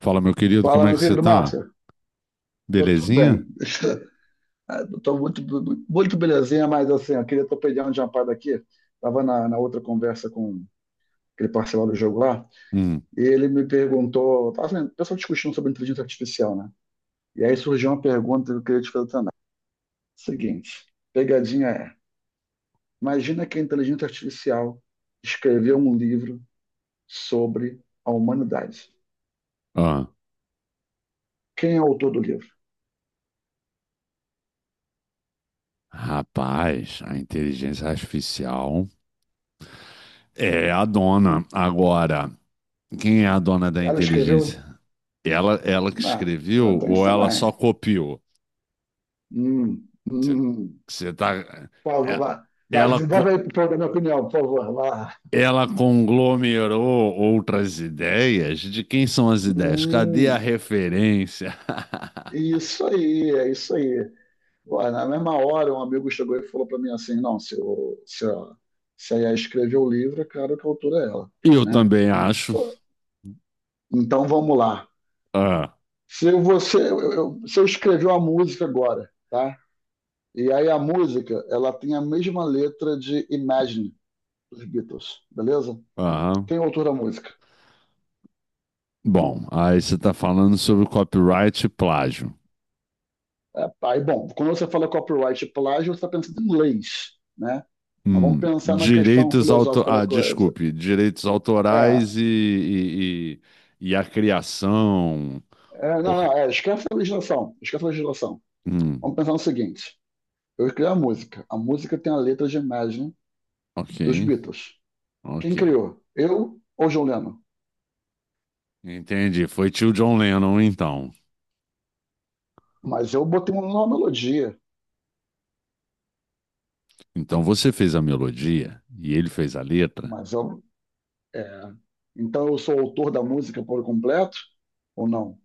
Fala, meu querido, como Fala, é que meu você querido tá? Márcio. Eu tô Belezinha? bem. Eu tô muito belezinha, mas assim, eu queria tua opinião de uma parada aqui. Tava na outra conversa com aquele parceiro do jogo lá, Hum. e ele me perguntou, tava assim, o pessoal discutindo sobre inteligência artificial, né? E aí surgiu uma pergunta que eu queria te fazer também. Seguinte, pegadinha é, imagina que a inteligência artificial escreveu um livro sobre a humanidade. Ah, Quem é o autor do livro? rapaz, a inteligência artificial é a dona. Agora, quem é a dona da Ela escreveu? inteligência? Ela que Não, escreveu tem isso ou ela só também. copiou? Hum, hum. Você, hum. você tá. Por favor, é- vai, Ela, desenvolve aí para a minha opinião, por favor. Vai lá. ela conglomerou outras ideias? De quem são as ideias? Cadê a Hum, referência? isso aí, é isso aí. Pô, na mesma hora, um amigo chegou e falou para mim assim: não, se a Yas escreveu o livro, é claro que a autora é ela, Eu né? também acho. Só- Então vamos lá. Ah, Se você, se eu escrever uma música agora, tá? E aí a música, ela tem a mesma letra de Imagine dos Beatles, beleza? aham. Quem é o autor da música? Bom, aí você está falando sobre copyright e plágio. É. Aí, bom, quando você fala copyright e plágio, você está pensando em leis, né? Mas vamos pensar na questão Direitos auto... filosófica da Ah, coisa. desculpe, direitos É, autorais e a criação. Não, Por... esquece a legislação, esquece a legislação. Hum, Vamos pensar no seguinte: eu criei a música. A música tem a letra de Imagine ok, dos Beatles. ok. Quem criou? Eu ou John Lennon? Entendi. Foi tio John Lennon, então. Mas eu botei uma nova melodia. Então você fez a melodia e ele fez a letra. Mas eu, é, então eu sou autor da música por completo ou não?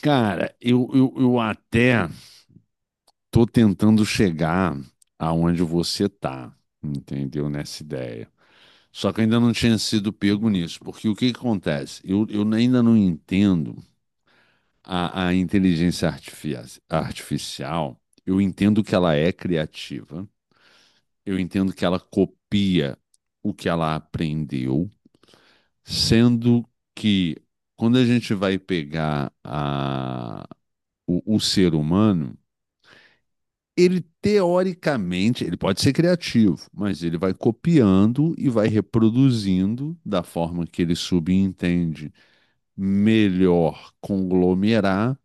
Cara, eu até tô tentando chegar aonde você tá, entendeu? Nessa ideia. Só que eu ainda não tinha sido pego nisso, porque o que que acontece? Eu ainda não entendo a inteligência artificial. Eu entendo que ela é criativa, eu entendo que ela copia o que ela aprendeu, sendo que quando a gente vai pegar o ser humano, ele teoricamente, ele pode ser criativo, mas ele vai copiando e vai reproduzindo da forma que ele subentende melhor conglomerar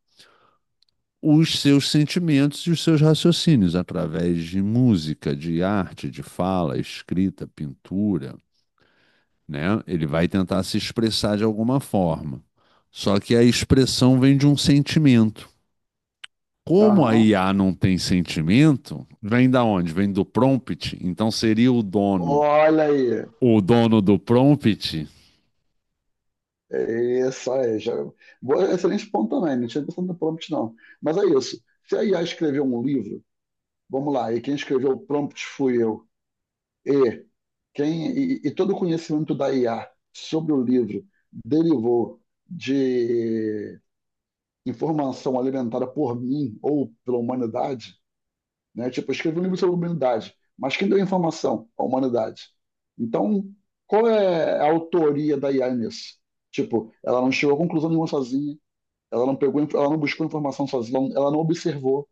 os seus sentimentos e os seus raciocínios através de música, de arte, de fala, escrita, pintura, né? Ele vai tentar se expressar de alguma forma. Só que a expressão vem de um sentimento. Como a Aham. IA não tem sentimento, vem da onde? Vem do prompt. Então seria Olha aí, o dono do prompt. é isso aí. Já... Boa, excelente ponto também. Não tinha pensado no prompt, não. Mas é isso. Se a IA escreveu um livro, vamos lá, e quem escreveu o prompt fui eu, e, e todo o conhecimento da IA sobre o livro derivou de informação alimentada por mim ou pela humanidade, né? Tipo, eu escrevi um livro sobre a humanidade, mas quem deu a informação? A humanidade. Então, qual é a autoria da IA nisso? Tipo, ela não chegou a conclusão nenhuma sozinha, ela não buscou informação sozinha, ela não observou,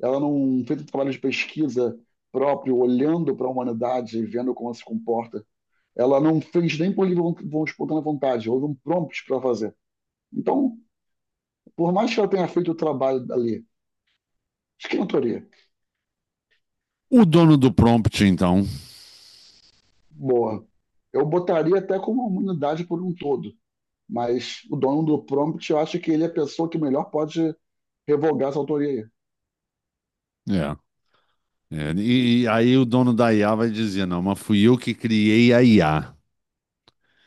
ela não fez um trabalho de pesquisa próprio, olhando para a humanidade, vendo como ela se comporta. Ela não fez nem por livre espontânea vontade, houve um prompt para fazer. Então, por mais que ela tenha feito o trabalho ali, de autoria? O dono do prompt, então. Boa. Eu botaria até como a humanidade por um todo, mas o dono do prompt, eu acho que ele é a pessoa que melhor pode revogar essa autoria aí. É. É, e aí o dono da IA vai dizer, não, mas fui eu que criei a IA.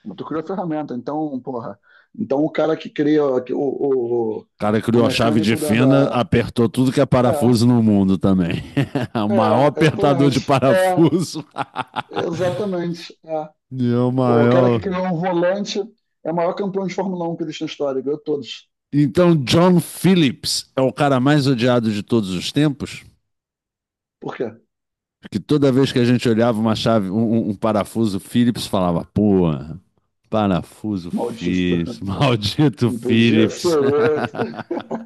Mas tu criou a ferramenta, então, porra. Então o cara que cria O cara o criou a chave de mecânico fenda, apertou tudo que é É, parafuso no mundo também. O é, maior apertador de exatamente. É, parafuso. exatamente. É. E é o O cara que maior. criou um volante é o maior campeão de Fórmula Um que existe na história, ganhou todos. Então, John Phillips é o cara mais odiado de todos os tempos? Por quê? Que toda vez que a gente olhava uma chave, um parafuso Phillips, falava, porra, parafuso Maldito. Phillips, maldito Não podia ser Phillips. outro.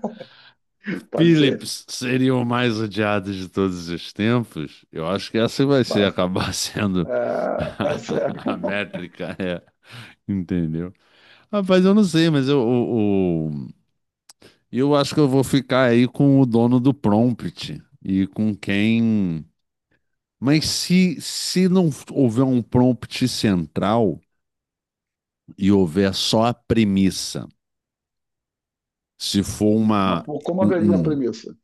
Pode ser. Phillips seria o mais odiado de todos os tempos? Eu acho que essa vai ser Mas, acabar sendo é, é sério. a métrica, é. Entendeu? Rapaz, eu não sei, mas eu, o- eu, acho que eu vou ficar aí com o dono do prompt e com quem. Mas se não houver um prompt central e houver só a premissa, se for uma, Mas pô, como um, haveria a um premissa?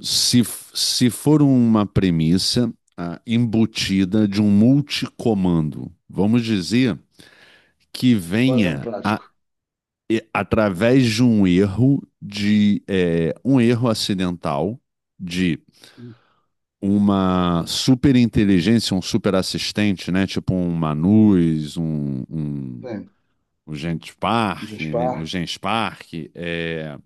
Se, se for uma premissa embutida de um multicomando, vamos dizer que Um exemplo venha a- prático. e- através de um erro de um erro acidental de uma superinteligência, um superassistente, né? Tipo um Manus, Tem. o Genspark, né? O Gespar. Genspark, é,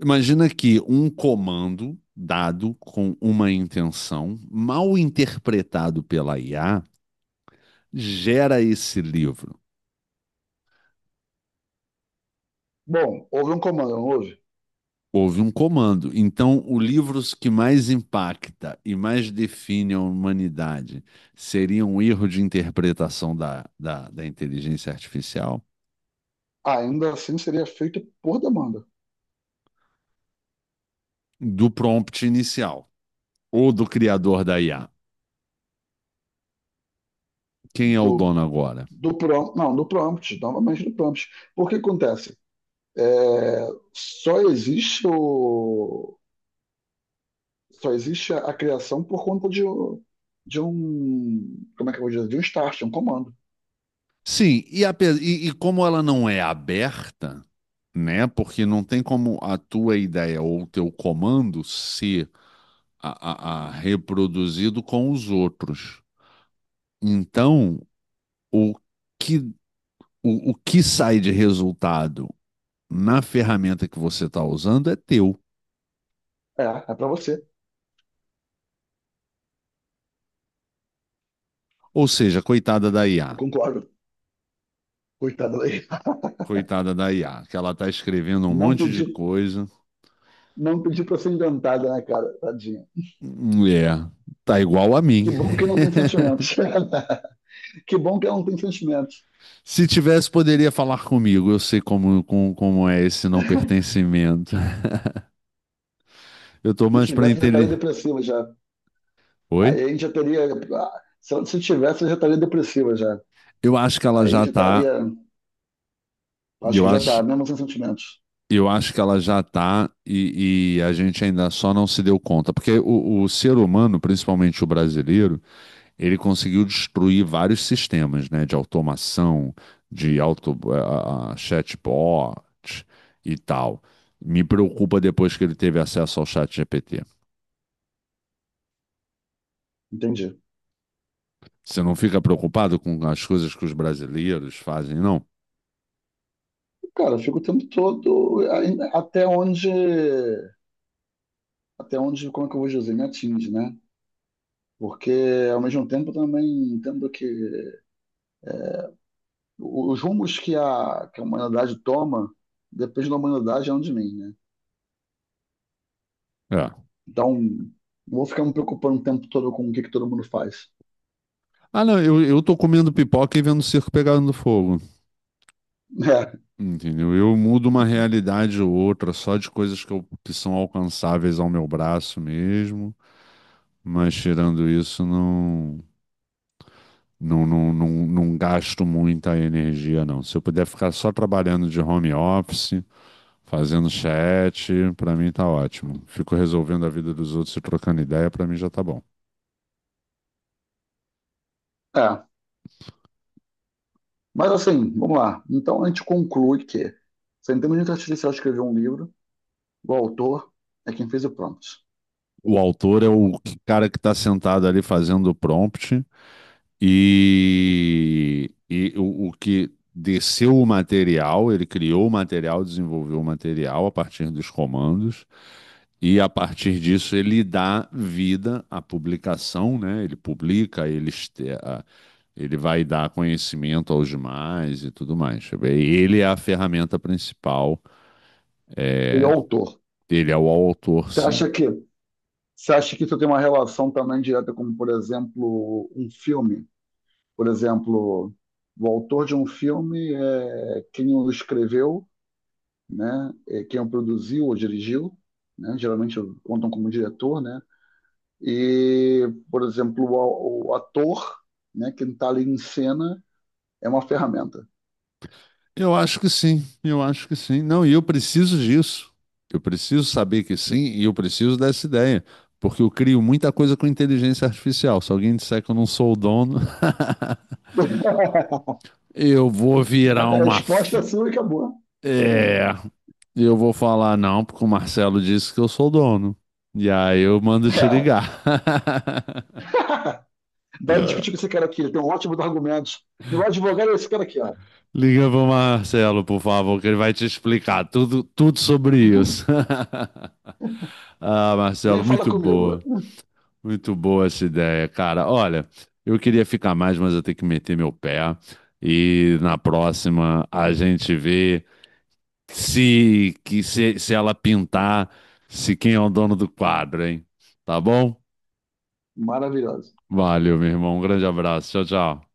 imagina que um comando dado com uma intenção, mal interpretado pela IA, gera esse livro. Bom, houve um comando, não houve? Houve um comando. Então, o livro que mais impacta e mais define a humanidade seria um erro de interpretação da inteligência artificial Ainda assim seria feita por demanda do prompt inicial ou do criador da IA. Quem é o do, dono agora? Não, do prompt, novamente do prompt. Por que acontece? É, só existe o, só existe a criação por conta de um, como é que eu vou dizer, de um start, um comando. Sim, e como ela não é aberta, né? Porque não tem como a tua ideia ou o teu comando ser a reproduzido com os outros. Então, o que, o que sai de resultado na ferramenta que você está usando é teu. É, é para você. Ou seja, coitada da Eu IA. concordo. Coitada daí. Coitada da IA, que ela está escrevendo um Não monte de pedi, coisa. não pedi para ser inventada, né, cara? Tadinha. É, tá igual a Que mim. bom que não tem sentimentos. Que bom que ela não tem sentimentos. Se tivesse, poderia falar comigo. Eu sei como é esse não pertencimento. Eu tô Se mais pra tivesse, já estaria entender. depressiva já. Oi? Aí a gente já teria. Ah, Se eu se tivesse, eu já estaria depressiva já. Eu acho que ela Aí já já tá. estaria. Acho Eu que já acho, tá, mesmo sem sentimentos. eu acho que ela já tá e a gente ainda só não se deu conta. Porque o ser humano, principalmente o brasileiro, ele conseguiu destruir vários sistemas, né? De automação, de chatbot e tal. Me preocupa depois que ele teve acesso ao chat GPT. Entendi. Você não fica preocupado com as coisas que os brasileiros fazem, não? Cara, eu fico o tempo todo aí, até onde. Até onde, como é que eu vou dizer, me atinge, né? Porque ao mesmo tempo eu também entendo que os rumos que a humanidade toma depende da humanidade e não de mim, né? É. Então, não vou ficar me preocupando o tempo todo com que todo mundo faz. Ah, não, eu tô comendo pipoca e vendo o circo pegando fogo. Entendeu? Eu mudo uma realidade ou outra só de coisas que são alcançáveis ao meu braço mesmo. Mas tirando isso, não gasto muita energia, não. Se eu puder ficar só trabalhando de home office, fazendo chat, pra mim tá ótimo. Fico resolvendo a vida dos outros e trocando ideia, pra mim já tá bom. É, é. Mas assim, vamos lá. Então a gente conclui que se a inteligência artificial escreveu um livro, o autor é quem fez o prompt. O autor é o cara que está sentado ali fazendo o prompt e o que desceu o material, ele criou o material, desenvolveu o material a partir dos comandos e a partir disso ele dá vida à publicação, né? Ele publica, ele vai dar conhecimento aos demais e tudo mais. Ele é a ferramenta principal, Ele é é, o autor. ele é o autor, Você sim. acha que, você acha que isso tem uma relação também direta com, por exemplo, um filme? Por exemplo, o autor de um filme é quem o escreveu, né? É quem o produziu ou dirigiu, né? Geralmente contam como diretor, né? E, por exemplo, o ator, né? Quem está ali em cena é uma ferramenta. Eu acho que sim, eu acho que sim. Não, e eu preciso disso. Eu preciso saber que sim, e eu preciso dessa ideia, porque eu crio muita coisa com inteligência artificial. Se alguém disser que eu não sou o dono, eu vou virar uma. resposta fe- é e acabou. É, eu vou falar não, porque o Marcelo disse que eu sou o dono. E aí eu mando te É. ligar. Vai discutir com esse cara aqui, ele tem um ótimo argumento. Meu advogado é esse cara aqui, ó. Liga pro Marcelo, por favor, que ele vai te explicar tudo, tudo sobre isso. Ah, Nem Marcelo, fala muito comigo. boa. Muito boa essa ideia, cara. Olha, eu queria ficar mais, mas eu tenho que meter meu pé. E na próxima a gente vê se, se ela pintar, se quem é o dono do quadro, hein? Tá bom? Maravilhoso. Valeu, meu irmão. Um grande abraço. Tchau, tchau.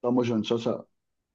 Tamo junto, tchau, tchau.